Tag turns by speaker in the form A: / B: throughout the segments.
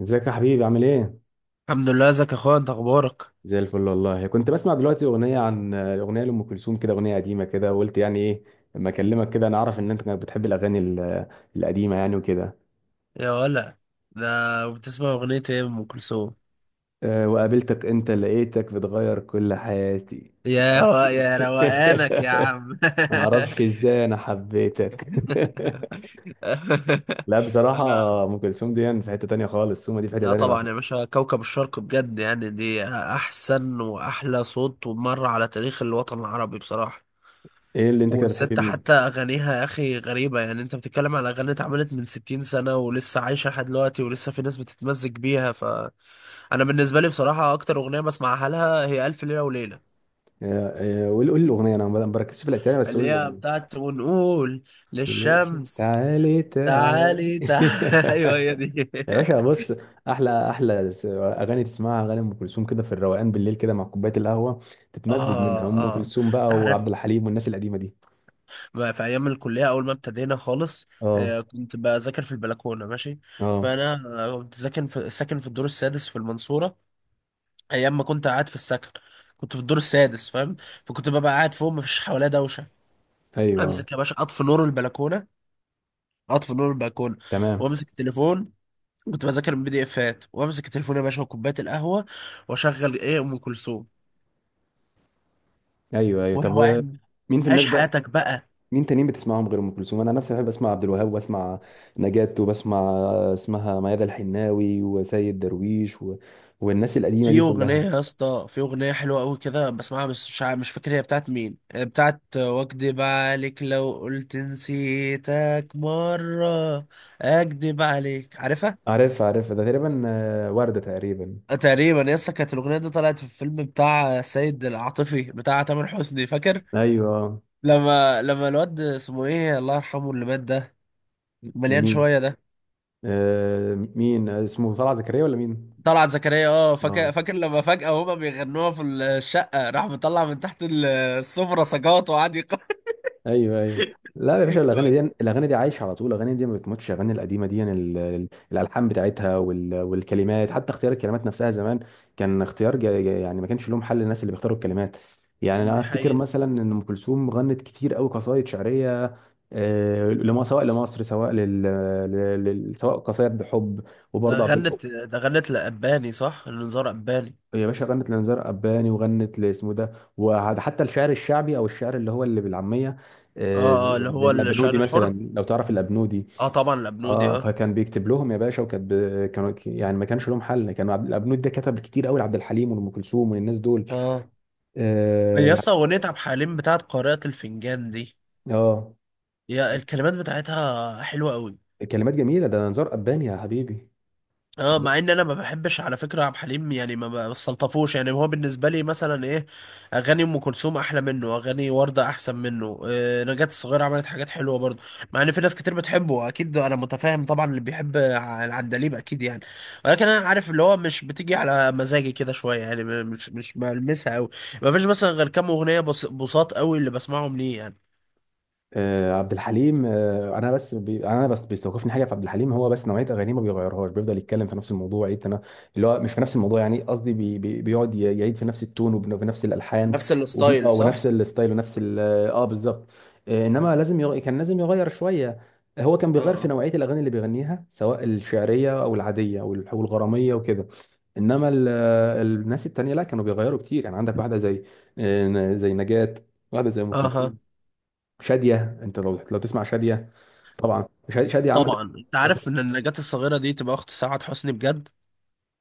A: ازيك يا حبيبي عامل ايه؟
B: الحمد لله. ازيك يا اخويا؟ انت اخبارك؟
A: زي الفل والله. كنت بسمع دلوقتي اغنيه لام كلثوم كده، اغنيه قديمه كده، وقلت يعني ايه اما اكلمك كده. انا اعرف ان انت كنت بتحب الاغاني القديمه يعني وكده.
B: يا ولا ده، بتسمع اغنية ايه ام كلثوم؟
A: أه، وقابلتك انت لقيتك بتغير كل حياتي. معرفش.
B: يا روقانك يا عم
A: معرفش ازاي انا حبيتك. لا بصراحه،
B: انا.
A: ام كلثوم دي يعني في حته تانيه خالص، سومه دي في حته
B: لا
A: تانيه لوحدها.
B: طبعا يا باشا، كوكب الشرق بجد، يعني دي احسن واحلى صوت ومر على تاريخ الوطن العربي بصراحة.
A: ايه اللي انت كده بتحب
B: والست
A: مين؟
B: حتى اغانيها يا اخي غريبة، يعني انت بتتكلم على اغاني اتعملت من 60 سنة ولسه عايشة لحد دلوقتي ولسه في ناس بتتمزج بيها. انا بالنسبه لي بصراحه اكتر اغنيه بسمعها لها هي الف ليله وليله،
A: أه، أه، قول قول الاغنيه، انا ما بركزش في الاسامي بس قول
B: اللي هي
A: الاغنيه.
B: بتاعت ونقول للشمس
A: تعالي تعالي.
B: تعالي تعالي ايوه هي دي.
A: يا باشا بص، احلى احلى اغاني تسمعها اغاني ام كلثوم كده في الروقان بالليل كده مع كوبايه القهوه، تتمزج منها
B: اه،
A: ام
B: اه،
A: كلثوم بقى،
B: تعرف
A: وعبد الحليم والناس القديمه دي.
B: ما في ايام الكليه اول ما ابتدينا خالص،
A: اه،
B: كنت بذاكر في البلكونه ماشي.
A: اه.
B: فانا كنت ساكن في الدور السادس في المنصوره، ايام ما كنت قاعد في السكن. كنت في الدور السادس، فاهم. فكنت ببقى قاعد فوق، مفيش حواليا دوشه.
A: ايوه،
B: امسك يا باشا، اطفي نور البلكونه، اطفي نور البلكونه،
A: تمام.
B: وامسك التليفون. كنت بذاكر من بي دي افات، وامسك التليفون يا باشا وكوبايه القهوه، واشغل ايه، ام كلثوم،
A: ايوه، ايوه، طب
B: وروقان.
A: مين في
B: عيش
A: الناس بقى،
B: حياتك بقى.
A: مين تانيين بتسمعهم غير ام كلثوم؟ انا نفسي بحب اسمع عبد الوهاب، واسمع نجاة، وبسمع اسمها ميادة الحناوي، وسيد درويش، والناس القديمه دي
B: في اغنيه
A: كلها.
B: يا اسطى، في اغنيه حلوه قوي كده بسمعها، بس مش فاكر هي بتاعت مين، بتاعت واكدب عليك لو قلت نسيتك مره. اكدب عليك، عارفها.
A: عارف عارف، ده تقريبا، وردة تقريبا.
B: تقريبا يا اسطى، كانت الاغنيه دي طلعت في الفيلم بتاع سيد العاطفي بتاع تامر حسني، فاكر؟
A: ايوه، آه.
B: لما الواد اسمه ايه، الله يرحمه، اللي مات ده، مليان
A: مين
B: شويه ده،
A: مين اسمه طلعت زكريا ولا مين؟
B: طلعت زكريا. اه،
A: اه،
B: فاكر لما فجأة هما بيغنوها في الشقة، راح مطلع من تحت السفرة سجاط وقعد
A: ايوه، ايوه. لا يا باشا، الاغاني دي الاغاني دي عايشه على طول، الاغاني دي ما بتموتش، الاغاني القديمه دي يعني الالحان بتاعتها والكلمات، حتى اختيار الكلمات نفسها زمان كان اختيار يعني ما كانش لهم حل الناس اللي بيختاروا الكلمات. يعني انا
B: دي
A: افتكر
B: حقيقة.
A: مثلا ان ام كلثوم غنت كتير قوي قصايد شعريه، لما، سواء لمصر، سواء سواء قصايد بحب،
B: ده
A: وبرضه عبد.
B: غنت ده غنت لأباني، صح، لنزار أباني.
A: يا باشا، غنت لنزار قباني، وغنت لاسمه ده، وحتى الشعر الشعبي او الشعر اللي هو اللي بالعاميه، آه،
B: اه اه، اللي
A: زي
B: هو
A: الابنودي
B: الشعر الحر.
A: مثلا، لو تعرف الابنودي.
B: اه طبعا الأبنودي،
A: اه،
B: اه.
A: فكان بيكتب لهم يا باشا، كانوا، يعني ما كانش لهم حل، كانوا عبد الابنودي ده كتب كتير قوي لعبد الحليم وام كلثوم والناس دول.
B: اه
A: اه,
B: يا
A: يعني،
B: اسطى، أغنية عبد الحليم بتاعت قارئة الفنجان دي،
A: آه.
B: يا الكلمات بتاعتها حلوة أوي.
A: كلمات جميله، ده نزار قباني يا حبيبي.
B: اه، مع ان انا ما بحبش على فكره عبد الحليم، يعني ما بستلطفوش، يعني هو بالنسبه لي مثلا ايه، اغاني ام كلثوم احلى منه، اغاني ورده احسن منه، آه، نجاة الصغيره عملت حاجات حلوه برضه. مع ان في ناس كتير بتحبه اكيد، انا متفاهم طبعا، اللي بيحب العندليب اكيد يعني. ولكن انا عارف اللي هو مش بتيجي على مزاجي كده شويه يعني، مش بلمسها قوي. ما فيش مثلا غير كام اغنيه بساط قوي اللي بسمعهم ليه يعني.
A: عبد الحليم، انا بس بيستوقفني حاجه في عبد الحليم، هو بس نوعيه اغانيه ما بيغيرهاش، بيفضل يتكلم في نفس الموضوع، يعيد اللي هو مش في نفس الموضوع، يعني قصدي بيقعد يعيد في نفس التون، وفي نفس الالحان،
B: نفس
A: وبن...
B: الستايل،
A: آه،
B: صح؟
A: ونفس الستايل ونفس اه، بالظبط. انما كان لازم يغير شويه. هو كان بيغير في
B: اه
A: نوعيه الاغاني اللي بيغنيها، سواء الشعريه او العاديه او والغراميه وكده، انما الناس التانيه لا، كانوا بيغيروا كتير، يعني عندك واحده زي نجاة، واحده زي ام
B: اه اها.
A: كلثوم، شادية. انت لو تسمع شادية، طبعا شادية عملت.
B: طبعا انت عارف ان النجاة الصغيره دي تبقى اخت سعاد حسني بجد.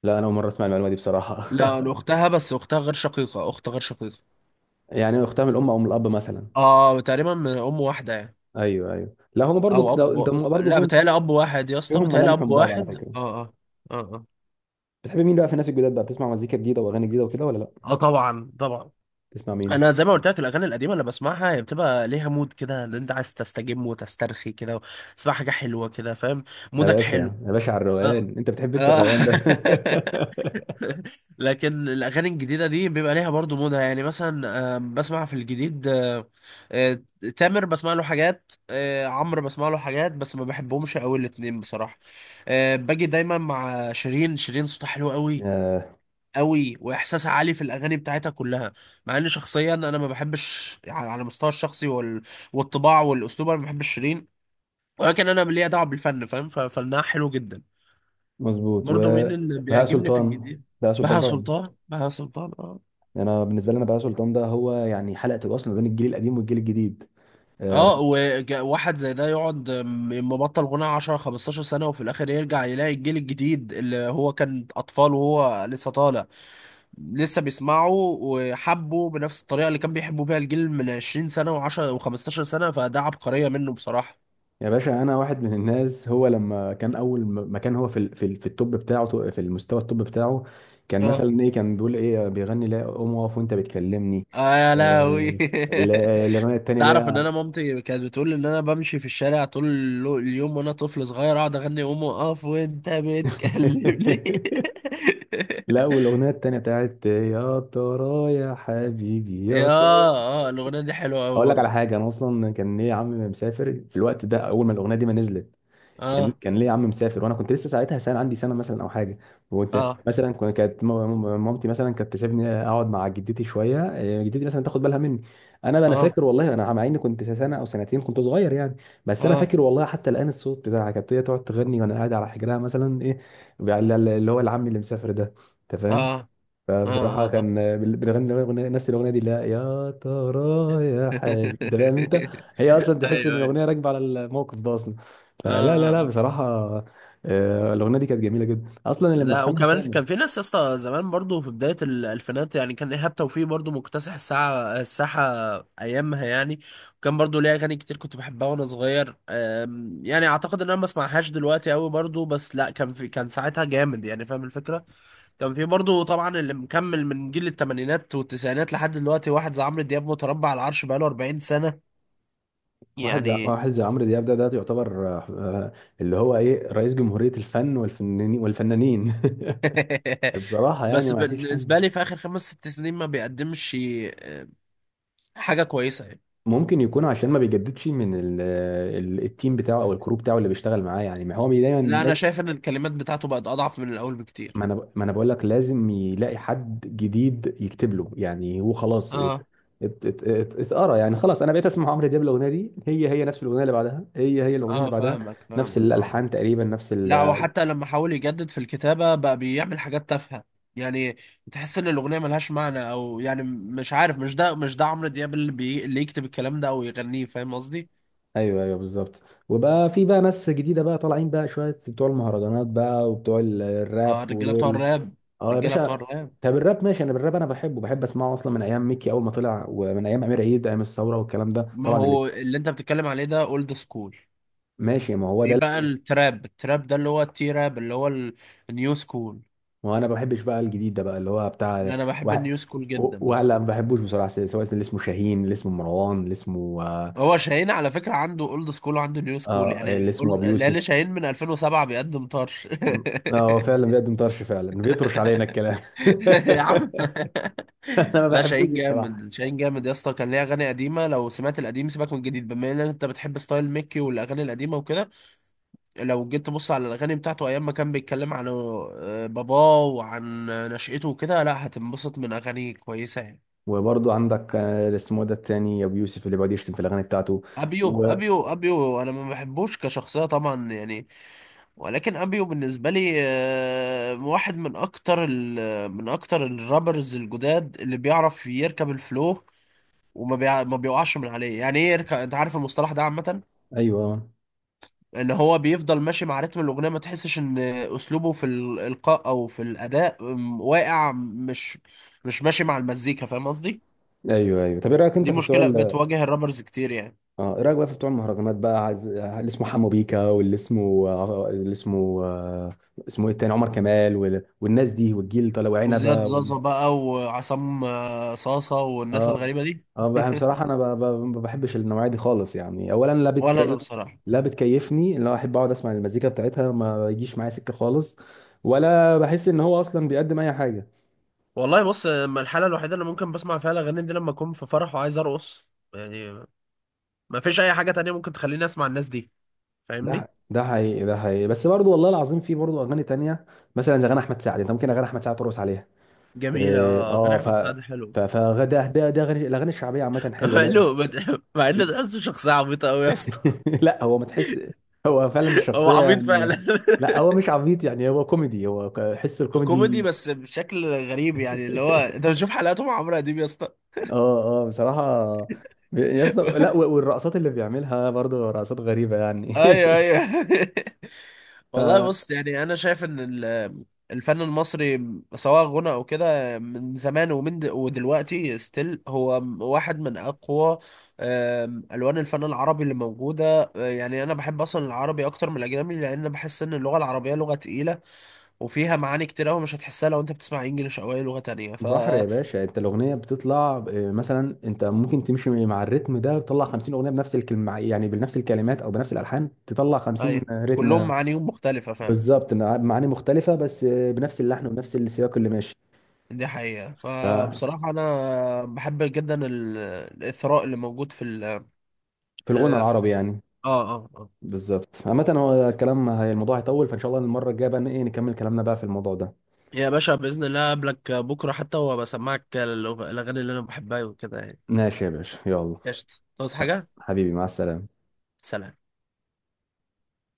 A: لا انا اول مره اسمع المعلومه دي بصراحه.
B: لا، اختها، بس اختها غير شقيقة، اخت غير شقيقة.
A: يعني اختها من الام او من الاب مثلا.
B: اه، تقريبا من ام واحدة يعني.
A: ايوه، ايوه، لا، هم برضو
B: او
A: لو انت،
B: اب،
A: هم برضو
B: لا
A: فيهم،
B: بتهيألي اب واحد يا اسطى،
A: فيهم
B: بتهيألي
A: ملامح
B: اب
A: من بعض على
B: واحد،
A: فكره.
B: اه اه. اه اه،
A: بتحب مين بقى في الناس الجداد بقى، بتسمع مزيكا جديده واغاني جديده وكده ولا لا؟
B: اه طبعا طبعا.
A: بتسمع مين؟
B: انا زي ما قلت لك، الاغاني القديمه اللي بسمعها هي بتبقى ليها مود كده، ان انت عايز تستجم وتسترخي كده، تسمع حاجه حلوه كده فاهم،
A: يا
B: مودك
A: باشا
B: حلو.
A: يا باشا، على
B: اه
A: الروقان انت بتحب، انت
B: اه
A: الروقان ده.
B: لكن الاغاني الجديده دي بيبقى ليها برضو مودها، يعني مثلا بسمع في الجديد، آه، تامر بسمع له حاجات، عمرو بسمع له حاجات، بس ما بحبهمش قوي الاتنين بصراحه. باجي دايما مع شيرين. شيرين صوتها حلو قوي
A: آه،
B: قوي، واحساسها عالي في الاغاني بتاعتها كلها. مع ان شخصيا انا ما بحبش يعني على المستوى الشخصي والطباع والاسلوب، انا ما بحبش شيرين، ولكن انا ليا دعوه بالفن فاهم، ففنها حلو جدا.
A: مظبوط،
B: برضو مين اللي
A: وبهاء
B: بيعجبني في
A: سلطان،
B: الجديد؟
A: بهاء سلطان
B: بهاء
A: طبعا.
B: سلطان بهاء سلطان آه.
A: يعني انا بالنسبه لي انا، بهاء سلطان ده هو يعني حلقه الوصل ما بين الجيل القديم والجيل الجديد. آه،
B: اه، وواحد زي ده يقعد مبطل غناء 10 15 سنة، وفي الآخر يرجع يلاقي الجيل الجديد اللي هو كان أطفال وهو لسه طالع لسه بيسمعه وحبه بنفس الطريقة اللي كان بيحبوا بيها الجيل من 20 سنة و10 و15 سنة، فده عبقرية منه بصراحة.
A: يا باشا، انا واحد من الناس، هو لما كان اول ما كان هو في التوب بتاعه، في المستوى التوب بتاعه، كان
B: اه
A: مثلا ايه، كان بيقول ايه، بيغني لا قوم اقف وانت بتكلمني.
B: اه، يا لهوي
A: آه، الاغنيه التانيه اللي
B: تعرف ان
A: هي.
B: انا مامتي كانت بتقول ان انا بمشي في الشارع طول اليوم وانا طفل صغير اقعد اغني قوم اقف وانت بتكلمني
A: لا، والاغنيه التانيه بتاعت يا ترى يا حبيبي يا
B: يا،
A: ترى.
B: اه، الاغنيه دي حلوه قوي
A: اقول لك على
B: برضه.
A: حاجه، انا اصلا كان ايه عمي مسافر في الوقت ده، اول ما الاغنيه دي ما نزلت، كان
B: اه
A: كان ليه عم مسافر، وانا كنت لسه ساعتها سنه، عندي سنه مثلا او حاجه، وكنت
B: اه
A: مثلا كانت مامتي مثلا كانت تسيبني اقعد مع جدتي شويه، جدتي مثلا تاخد بالها مني. انا
B: اه
A: فاكر والله، انا مع اني كنت سنه او سنتين، كنت صغير يعني، بس انا
B: اه
A: فاكر والله حتى الان الصوت بتاعها، كانت هي تقعد تغني وانا قاعد على حجرها مثلا ايه اللي هو العم اللي مسافر ده. انت فاهم؟
B: اه اه
A: فبصراحة
B: اه
A: كان بنغني نفس الأغنية دي، لا يا ترى يا حبيبي أنت فاهم أنت، هي أصلا
B: ايوه
A: تحس إن
B: ايوه.
A: الأغنية راكبة على الموقف ده أصلا.
B: اه
A: فلا، لا،
B: اه،
A: لا،
B: آه.
A: بصراحة. الأغنية دي كانت جميلة جدا أصلا، اللي
B: لا
A: ملحنها
B: وكمان في،
A: تامر.
B: كان في ناس يا اسطى زمان برضه في بدايه الالفينات يعني، كان ايهاب توفيق برضه مكتسح الساحه ايامها يعني. وكان برضه ليه اغاني كتير كنت بحبها وانا صغير، يعني اعتقد ان انا ما اسمعهاش دلوقتي قوي برضه، بس لا كان، في كان ساعتها جامد يعني فاهم الفكره. كان في برضه طبعا اللي مكمل من جيل الثمانينات والتسعينات لحد دلوقتي، واحد زي عمرو دياب متربع على العرش بقاله 40 سنة
A: واحد زي
B: يعني
A: واحد زي عمرو دياب، ده يعتبر، اللي هو رئيس جمهورية الفن والفنانين والفنانين. بصراحة يعني
B: بس
A: ما فيش
B: بالنسبة
A: حد.
B: لي في آخر خمس ست سنين ما بيقدمش حاجة كويسة يعني.
A: ممكن يكون عشان ما بيجددش من ال التيم بتاعه او الكروب بتاعه اللي بيشتغل معاه، يعني ما هو
B: لا،
A: دايما.
B: أنا شايف إن الكلمات بتاعته بقت أضعف من الأول بكتير.
A: ما انا بقول لك لازم يلاقي حد جديد يكتب له، يعني هو خلاص
B: اه
A: اتقرا، يعني خلاص، انا بقيت اسمع عمرو دياب، الاغنيه دي هي نفس الاغنيه اللي بعدها، هي الاغنيه اللي
B: اه،
A: بعدها،
B: فاهمك
A: نفس
B: فاهمك اه
A: الالحان
B: آه.
A: تقريبا، نفس
B: لا،
A: ال
B: وحتى لما حاول يجدد في الكتابة بقى بيعمل حاجات تافهة يعني، تحس ان الاغنية ملهاش معنى، او يعني مش عارف، مش ده، مش ده عمرو دياب اللي، اللي يكتب الكلام ده او يغنيه، فاهم قصدي؟
A: ايوه، ايوه، بالظبط. وبقى في بقى ناس جديده بقى طالعين بقى شويه، بتوع المهرجانات بقى وبتوع الراب
B: اه، الرجالة بتوع
A: ودول.
B: الراب،
A: اه يا
B: الرجالة
A: باشا.
B: بتوع الراب.
A: طب الراب ماشي، انا بالراب، انا بحبه، بحب اسمعه اصلا من ايام ميكي اول ما طلع، ومن ايام امير عيد، ايام الثوره والكلام ده
B: ما
A: طبعا اللي
B: هو اللي انت بتتكلم عليه ده اولد سكول.
A: ماشي، ما هو
B: في
A: ده.
B: بقى التراب، التراب ده اللي هو التي راب، اللي هو النيو سكول.
A: وانا ما بحبش بقى الجديد ده بقى اللي هو بتاع،
B: انا بحب
A: وه-
B: النيو سكول جدا
A: وهلا ما
B: بصراحة.
A: بحبوش بصراحه، سواء اللي اسمه شاهين، اللي اسمه مروان، اللي اسمه آه
B: هو شاهين على فكرة عنده اولد سكول وعنده نيو سكول،
A: آه، اللي
B: يعني
A: اسمه ابو
B: اولد
A: يوسف،
B: لان شاهين من 2007 بيقدم طرش
A: هو فعلا بيقدم طرش، فعلا بيطرش علينا الكلام.
B: يا عم،
A: انا ما
B: لا،
A: بحبوش
B: شاهين
A: بصراحه.
B: جامد، شاهين جامد يا اسطى، كان ليه اغاني قديمه. لو سمعت القديم سيبك من الجديد، بما ان انت بتحب ستايل ميكي والاغاني القديمه وكده، لو جيت تبص على الاغاني بتاعته ايام ما كان بيتكلم عن باباه وعن نشأته وكده، لا هتنبسط من اغاني كويسه يعني.
A: وبرضه عندك اللي اسمه ده التاني ابو يوسف اللي بيقعد يشتم في الاغاني بتاعته،
B: ابيو
A: وايوه،
B: ابيو ابيو انا ما بحبوش كشخصيه طبعا يعني، ولكن ابيو بالنسبه لي واحد من اكتر من اكتر الرابرز الجداد اللي بيعرف يركب الفلو، ما بيقعش من عليه، يعني ايه يركع، انت عارف المصطلح ده، عامة
A: ايوه،
B: ان هو بيفضل ماشي مع رتم الاغنية، ما تحسش ان اسلوبه في الالقاء او في الاداء واقع، مش ماشي مع المزيكا، فاهم قصدي؟
A: ايوه، أيوه. طب ايه رايك انت
B: دي
A: في بتوع،
B: مشكلة بتواجه الرابرز كتير يعني.
A: اه، ايه رايك بقى في بتوع المهرجانات بقى؟ عايز اللي اسمه حمو بيكا، واللي اسمه اللي اسمه اسمه ايه التاني، عمر كمال، والناس دي والجيل، طلع
B: وزياد
A: وعنبه،
B: زازا بقى، وعصام صاصة، والناس
A: اه،
B: الغريبة دي.
A: اه، انا بصراحه، انا ما بحبش النوعيه دي خالص، يعني اولا،
B: ولا انا بصراحة.
A: لا بتكيفني، اللي هو احب اقعد اسمع المزيكا بتاعتها ما يجيش معايا سكه خالص، ولا بحس ان هو اصلا بيقدم اي حاجه.
B: والله بص، أما الحالة الوحيدة اللي ممكن بسمع فيها الأغاني دي لما أكون في فرح وعايز أرقص يعني، ما فيش أي حاجة تانية ممكن تخليني أسمع الناس دي،
A: ده
B: فاهمني؟
A: ده حقيقي، ده حقيقي، بس برضو والله العظيم، في برضو اغاني تانية مثلا زي اغاني احمد سعد، انت ممكن اغاني احمد سعد ترقص عليها،
B: جميلة. أغاني
A: اه،
B: أحمد سعد حلو
A: فده ده ده غني الاغاني الشعبيه عامه حلوه، لا.
B: حلو، ما تح- مع انه تحسه شخصية عبيطة قوي يا اسطى.
A: لا هو ما تحس، هو فعلا
B: هو
A: الشخصيه
B: عبيط
A: يعني.
B: فعلا
A: لا هو مش عبيط يعني، هو كوميدي، هو حس
B: كوميدي
A: الكوميدي.
B: بس بشكل غريب، يعني اللي هو انت بتشوف حلقاته مع عمرو اديب يا اسطى
A: اه، اه، بصراحه، يا اسطى لا والرقصات اللي بيعملها برضه رقصات غريبه يعني.
B: ايوه ايوه والله بص، يعني انا شايف ان الفن المصري سواء غنى او كده من زمان ومن ودلوقتي ستيل، هو واحد من اقوى الوان الفن العربي اللي موجوده، يعني انا بحب اصلا العربي اكتر من الاجنبي، لان بحس ان اللغه العربيه لغه تقيله وفيها معاني كتير قوي مش هتحسها لو انت بتسمع انجليش او اي لغة تانية ف.
A: فبحر يا باشا، انت الاغنيه بتطلع إيه، مثلا انت ممكن تمشي مع الريتم ده، تطلع 50 اغنيه بنفس الكلمه، يعني بنفس الكلمات او بنفس الالحان تطلع 50
B: ايوه كلهم
A: رتم.
B: معانيهم مختلفة فعلا.
A: بالظبط، إن معاني مختلفة بس بنفس اللحن ونفس السياق اللي ماشي.
B: دي حقيقة.
A: ف-
B: فبصراحة أنا بحب جدا الإثراء اللي موجود في ال،
A: في الغنى
B: في،
A: العربي يعني،
B: آه آه آه
A: بالظبط. عامة هو الكلام، هي الموضوع هيطول، فإن شاء الله المرة الجاية بقى نكمل كلامنا بقى في الموضوع ده.
B: يا باشا بإذن الله أقابلك بكرة حتى، وبسمعك الأغاني اللي أنا بحبها وكده يعني.
A: ماشي يا باشا، يلا،
B: قشطة، تعوز حاجة؟
A: حبيبي مع السلامة.
B: سلام.